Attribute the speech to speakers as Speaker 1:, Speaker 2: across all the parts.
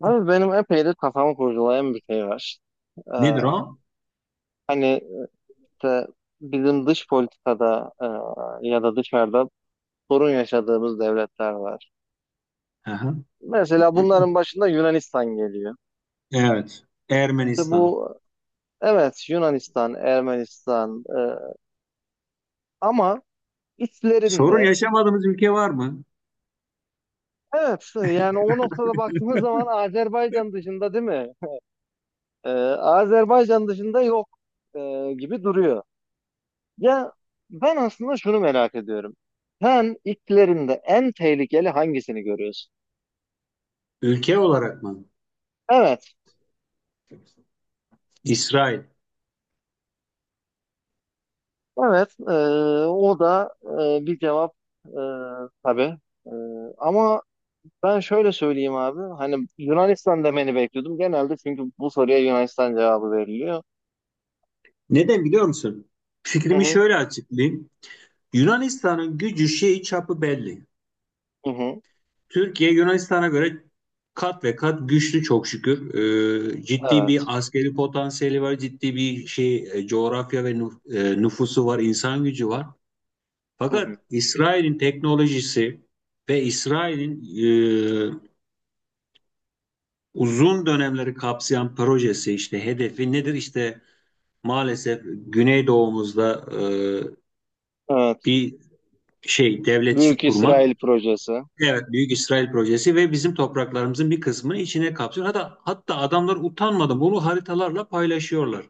Speaker 1: Abi benim epey de kafamı kurcalayan bir şey var. Ee,
Speaker 2: Nedir o?
Speaker 1: Hani işte bizim dış politikada, ya da dışarıda sorun yaşadığımız devletler var.
Speaker 2: Aha.
Speaker 1: Mesela bunların başında Yunanistan geliyor.
Speaker 2: Evet.
Speaker 1: İşte
Speaker 2: Ermenistan.
Speaker 1: bu, evet Yunanistan, Ermenistan, ama
Speaker 2: Sorun
Speaker 1: içlerinde
Speaker 2: yaşamadığımız ülke var mı?
Speaker 1: evet, yani o noktada baktığımız zaman Azerbaycan dışında, değil mi? Ee, Azerbaycan dışında yok, gibi duruyor. Ya ben aslında şunu merak ediyorum. Sen ilklerinde en tehlikeli hangisini görüyorsun?
Speaker 2: Ülke olarak mı?
Speaker 1: Evet,
Speaker 2: İsrail.
Speaker 1: evet. O da bir cevap, e, tabii. E, Ama ben şöyle söyleyeyim abi. Hani Yunanistan demeni bekliyordum. Genelde çünkü bu soruya Yunanistan cevabı veriliyor.
Speaker 2: Neden biliyor musun?
Speaker 1: Hı
Speaker 2: Fikrimi
Speaker 1: hı,
Speaker 2: şöyle açıklayayım. Yunanistan'ın gücü şeyi çapı belli.
Speaker 1: hı hı,
Speaker 2: Türkiye Yunanistan'a göre kat ve kat güçlü çok şükür. Ciddi bir
Speaker 1: evet.
Speaker 2: askeri potansiyeli var, ciddi bir şey coğrafya ve nüfusu var, insan gücü var.
Speaker 1: Hı
Speaker 2: Fakat
Speaker 1: hı,
Speaker 2: İsrail'in teknolojisi ve İsrail'in e, uzun dönemleri kapsayan projesi işte hedefi nedir? İşte maalesef Güneydoğumuzda
Speaker 1: evet.
Speaker 2: bir şey devletçi
Speaker 1: Büyük
Speaker 2: kurmak.
Speaker 1: İsrail projesi.
Speaker 2: Evet, Büyük İsrail projesi ve bizim topraklarımızın bir kısmını içine kapsıyor. Hatta, hatta adamlar utanmadan bunu haritalarla paylaşıyorlar.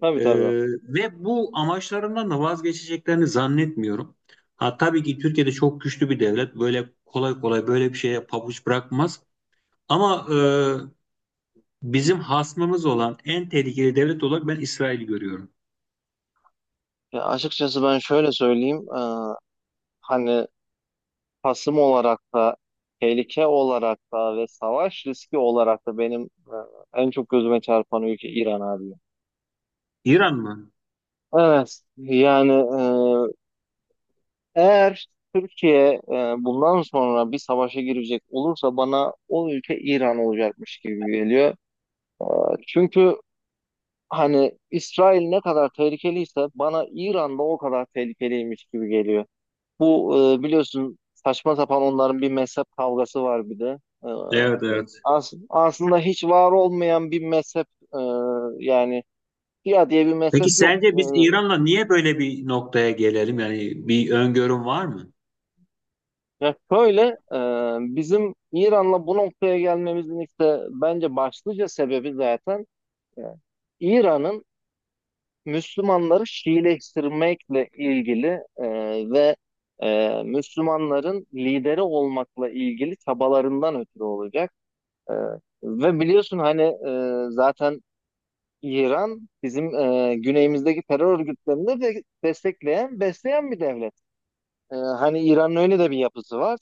Speaker 1: Tabii
Speaker 2: E,
Speaker 1: tabii.
Speaker 2: Ve bu amaçlarından da vazgeçeceklerini zannetmiyorum. Ha, tabii ki Türkiye'de çok güçlü bir devlet. Böyle kolay kolay böyle bir şeye pabuç bırakmaz. Ama bizim hasmımız olan en tehlikeli devlet olarak ben İsrail'i görüyorum.
Speaker 1: Ya açıkçası ben şöyle söyleyeyim. Hani Kasım olarak da tehlike olarak da ve savaş riski olarak da benim en çok gözüme çarpan ülke İran abi.
Speaker 2: İran mı?
Speaker 1: Evet yani, eğer Türkiye, bundan sonra bir savaşa girecek olursa bana o ülke İran olacakmış gibi geliyor. Çünkü hani İsrail ne kadar tehlikeliyse bana İran da o kadar tehlikeliymiş gibi geliyor. Bu, biliyorsun saçma sapan onların bir mezhep kavgası var bir de. E,
Speaker 2: Evet, evet.
Speaker 1: aslında hiç var olmayan bir mezhep, e, yani Şia diye bir
Speaker 2: Peki
Speaker 1: mezhep yok.
Speaker 2: sence biz İran'la niye böyle bir noktaya gelelim? Yani bir öngörüm var mı?
Speaker 1: Ya şöyle, bizim İran'la bu noktaya gelmemizin işte bence başlıca sebebi zaten, e, İran'ın Müslümanları Şiileştirmekle ilgili e, ve Müslümanların lideri olmakla ilgili çabalarından ötürü olacak. E, Ve biliyorsun hani, zaten İran bizim güneyimizdeki terör örgütlerini de destekleyen, besleyen bir devlet. Hani İran'ın öyle de bir yapısı var.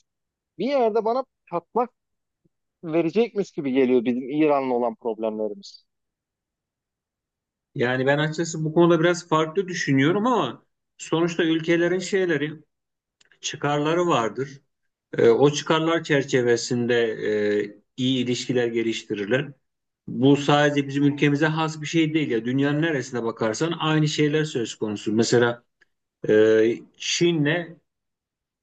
Speaker 1: Bir yerde bana patlak verecekmiş gibi geliyor bizim İran'la olan problemlerimiz.
Speaker 2: Yani ben açıkçası bu konuda biraz farklı düşünüyorum ama sonuçta ülkelerin şeyleri, çıkarları vardır. O çıkarlar çerçevesinde iyi ilişkiler geliştirirler. Bu sadece bizim ülkemize has bir şey değil ya. Dünyanın neresine bakarsan aynı şeyler söz konusu. Mesela Çin'le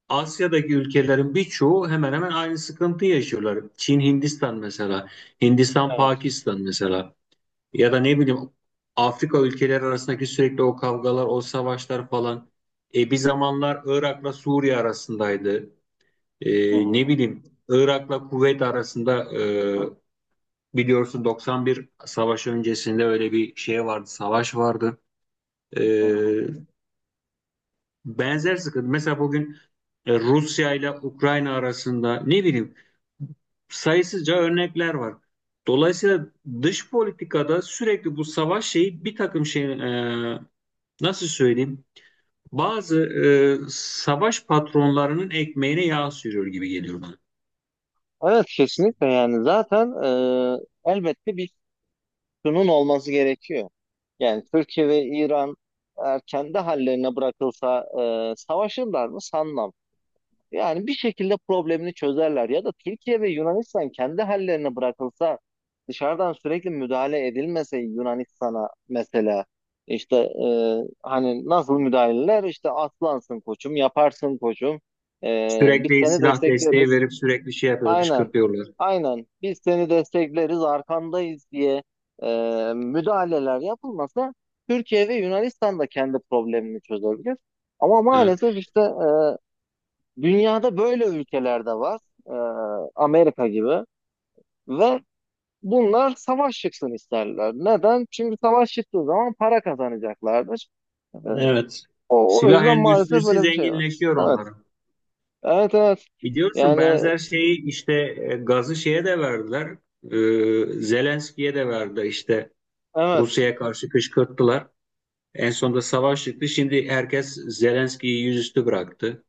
Speaker 2: Asya'daki ülkelerin birçoğu hemen hemen aynı sıkıntıyı yaşıyorlar. Çin, Hindistan mesela, Hindistan,
Speaker 1: Evet.
Speaker 2: Pakistan mesela, ya da ne bileyim Afrika ülkeleri arasındaki sürekli o kavgalar, o savaşlar falan. Bir zamanlar Irak'la Suriye arasındaydı.
Speaker 1: Hı hı.
Speaker 2: Ne bileyim Irak'la Kuveyt arasında, biliyorsun 91 savaşı öncesinde öyle bir şey vardı, savaş vardı. E,
Speaker 1: Hı hı.
Speaker 2: Benzer sıkıntı. Mesela bugün Rusya ile Ukrayna arasında, ne bileyim, sayısızca örnekler var. Dolayısıyla dış politikada sürekli bu savaş şeyi bir takım şey, e, nasıl söyleyeyim, bazı savaş patronlarının ekmeğine yağ sürüyor gibi geliyor bana.
Speaker 1: Evet kesinlikle yani zaten, elbette bir sunun olması gerekiyor. Yani Türkiye ve İran eğer kendi hallerine bırakılsa, savaşırlar mı? Sanmam. Yani bir şekilde problemini çözerler ya da Türkiye ve Yunanistan kendi hallerine bırakılsa, dışarıdan sürekli müdahale edilmese Yunanistan'a mesela işte, hani nasıl müdahaleler işte atlansın koçum, yaparsın koçum, biz
Speaker 2: Sürekli
Speaker 1: seni
Speaker 2: silah desteği
Speaker 1: destekleriz,
Speaker 2: verip sürekli şey yapıyorlar,
Speaker 1: aynen,
Speaker 2: kışkırtıyorlar.
Speaker 1: aynen, biz seni destekleriz, arkandayız diye e, müdahaleler yapılmasa Türkiye ve Yunanistan da kendi problemini çözebilir. Ama
Speaker 2: E,
Speaker 1: maalesef işte, dünyada böyle ülkeler de var. Ee, Amerika gibi. Ve bunlar savaş çıksın isterler. Neden? Çünkü savaş çıktığı zaman para kazanacaklardır. Ee,
Speaker 2: Evet.
Speaker 1: o
Speaker 2: Silah
Speaker 1: yüzden maalesef
Speaker 2: endüstrisi
Speaker 1: böyle bir şey var.
Speaker 2: zenginleşiyor
Speaker 1: Evet.
Speaker 2: onların.
Speaker 1: Evet evet.
Speaker 2: Biliyorsun
Speaker 1: Yani
Speaker 2: benzer şeyi işte gazı şeye de verdiler. Zelenski'ye de verdi işte,
Speaker 1: evet.
Speaker 2: Rusya'ya karşı kışkırttılar. En sonunda savaş çıktı. Şimdi herkes Zelenski'yi yüzüstü bıraktı.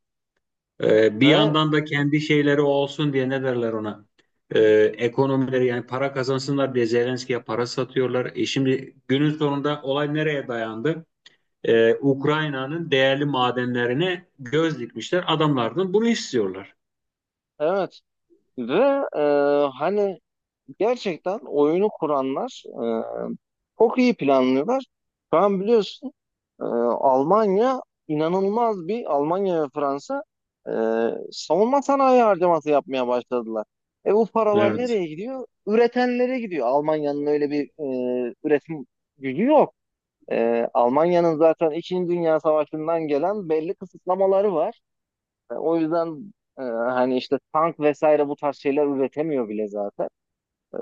Speaker 2: Bir
Speaker 1: Ve
Speaker 2: yandan da kendi şeyleri olsun diye ne derler ona? E, Ekonomileri yani para kazansınlar diye Zelenski'ye para satıyorlar. E şimdi günün sonunda olay nereye dayandı? Ukrayna'nın değerli madenlerine göz dikmişler. Adamlardan bunu istiyorlar.
Speaker 1: evet. Ve hani gerçekten oyunu kuranlar, çok iyi planlıyorlar. Şu an biliyorsun, Ee, Almanya inanılmaz bir Almanya ve Fransa, e, savunma sanayi harcaması yapmaya başladılar. Bu paralar
Speaker 2: Evet.
Speaker 1: nereye gidiyor? Üretenlere gidiyor. Almanya'nın öyle bir, üretim gücü yok. Almanya'nın zaten İkinci Dünya Savaşı'ndan gelen belli kısıtlamaları var. O yüzden, hani işte tank vesaire bu tarz şeyler üretemiyor bile zaten. E,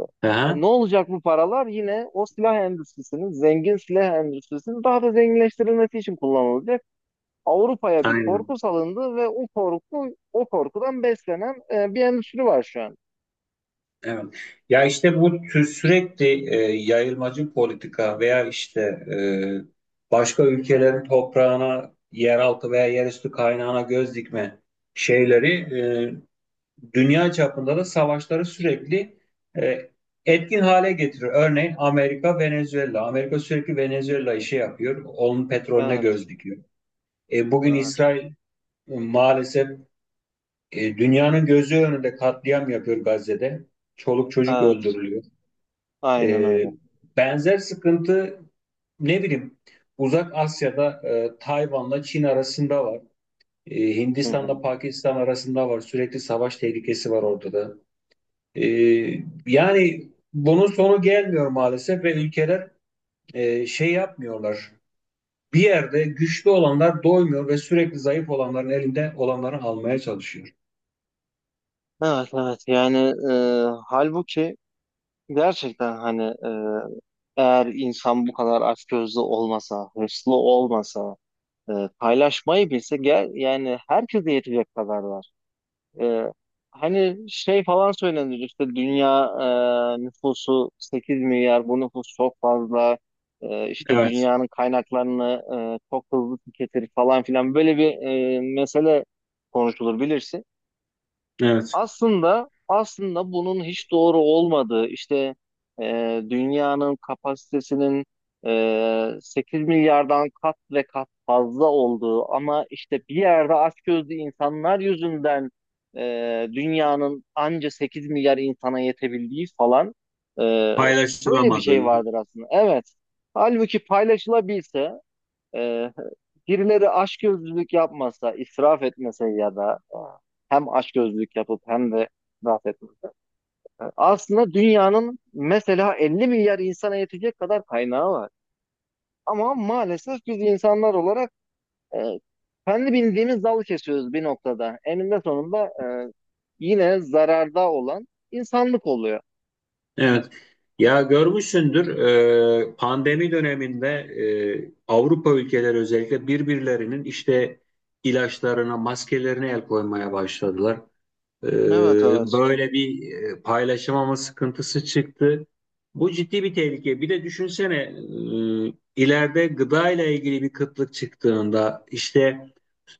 Speaker 2: Aha,
Speaker 1: Ne olacak bu paralar? Yine o silah endüstrisinin, zengin silah endüstrisinin daha da zenginleştirilmesi için kullanılacak. Avrupa'ya bir
Speaker 2: aynen.
Speaker 1: korku salındı ve o korkudan beslenen bir endüstri var şu an.
Speaker 2: Evet. Ya işte bu sürekli yayılmacı politika veya işte, başka ülkelerin toprağına, yeraltı veya yerüstü kaynağına göz dikme şeyleri dünya çapında da savaşları sürekli e, etkin hale getiriyor. Örneğin Amerika, Venezuela. Amerika sürekli Venezuela'yı şey yapıyor, onun petrolüne
Speaker 1: Evet,
Speaker 2: göz dikiyor. Bugün
Speaker 1: evet,
Speaker 2: İsrail maalesef dünyanın gözü önünde katliam yapıyor Gazze'de. Çoluk çocuk
Speaker 1: evet.
Speaker 2: öldürülüyor.
Speaker 1: Aynen
Speaker 2: E,
Speaker 1: öyle.
Speaker 2: Benzer sıkıntı, ne bileyim, Uzak Asya'da Tayvan'la Çin arasında var.
Speaker 1: Hı
Speaker 2: Hindistan'la
Speaker 1: hı.
Speaker 2: Pakistan arasında var. Sürekli savaş tehlikesi var ortada. E, Yani bunun sonu gelmiyor maalesef ve ülkeler şey yapmıyorlar. Bir yerde güçlü olanlar doymuyor ve sürekli zayıf olanların elinde olanları almaya çalışıyor.
Speaker 1: Evet, evet. Yani, e, halbuki gerçekten hani, eğer insan bu kadar açgözlü olmasa, hırslı olmasa, e, paylaşmayı bilse, gel yani herkese yetecek kadar var. Ee, Hani şey falan söylenir işte, dünya nüfusu 8 milyar, bu nüfus çok fazla, işte
Speaker 2: Evet,
Speaker 1: dünyanın kaynaklarını çok hızlı tüketir falan filan, böyle bir, mesele konuşulur bilirsin.
Speaker 2: evet.
Speaker 1: Aslında bunun hiç doğru olmadığı işte, dünyanın kapasitesinin, 8 milyardan kat ve kat fazla olduğu, ama işte bir yerde açgözlü insanlar yüzünden, e, dünyanın anca 8 milyar insana yetebildiği falan, e, böyle bir şey
Speaker 2: Paylaşılamadığı.
Speaker 1: vardır aslında. Evet. Halbuki paylaşılabilse, e, Birileri açgözlülük yapmasa, israf etmese, ya da hem açgözlülük yapıp hem de israf etmese. Aslında dünyanın mesela 50 milyar insana yetecek kadar kaynağı var. Ama maalesef biz insanlar olarak e, kendi bildiğimiz dalı kesiyoruz bir noktada. Eninde sonunda, yine zararda olan insanlık oluyor.
Speaker 2: Evet. Ya görmüşsündür pandemi döneminde Avrupa ülkeleri özellikle birbirlerinin işte ilaçlarına, maskelerine el koymaya başladılar.
Speaker 1: Evet evet.
Speaker 2: Böyle bir paylaşamama sıkıntısı çıktı. Bu ciddi bir tehlike. Bir de düşünsene ileride gıda ile ilgili bir kıtlık çıktığında işte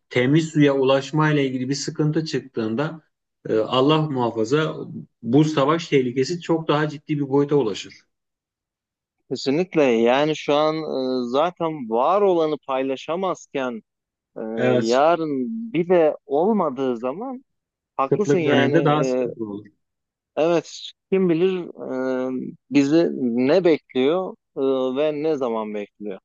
Speaker 2: temiz suya ulaşma ile ilgili bir sıkıntı çıktığında, Allah muhafaza, bu savaş tehlikesi çok daha ciddi bir boyuta ulaşır.
Speaker 1: Kesinlikle yani şu an, zaten var olanı paylaşamazken, Ee,
Speaker 2: Evet,
Speaker 1: yarın bir de olmadığı zaman haklısın
Speaker 2: kıtlık
Speaker 1: yani.
Speaker 2: döneminde daha
Speaker 1: Ee,
Speaker 2: sıkıntılı olur.
Speaker 1: evet kim bilir bizi ne bekliyor, ve ne zaman bekliyor.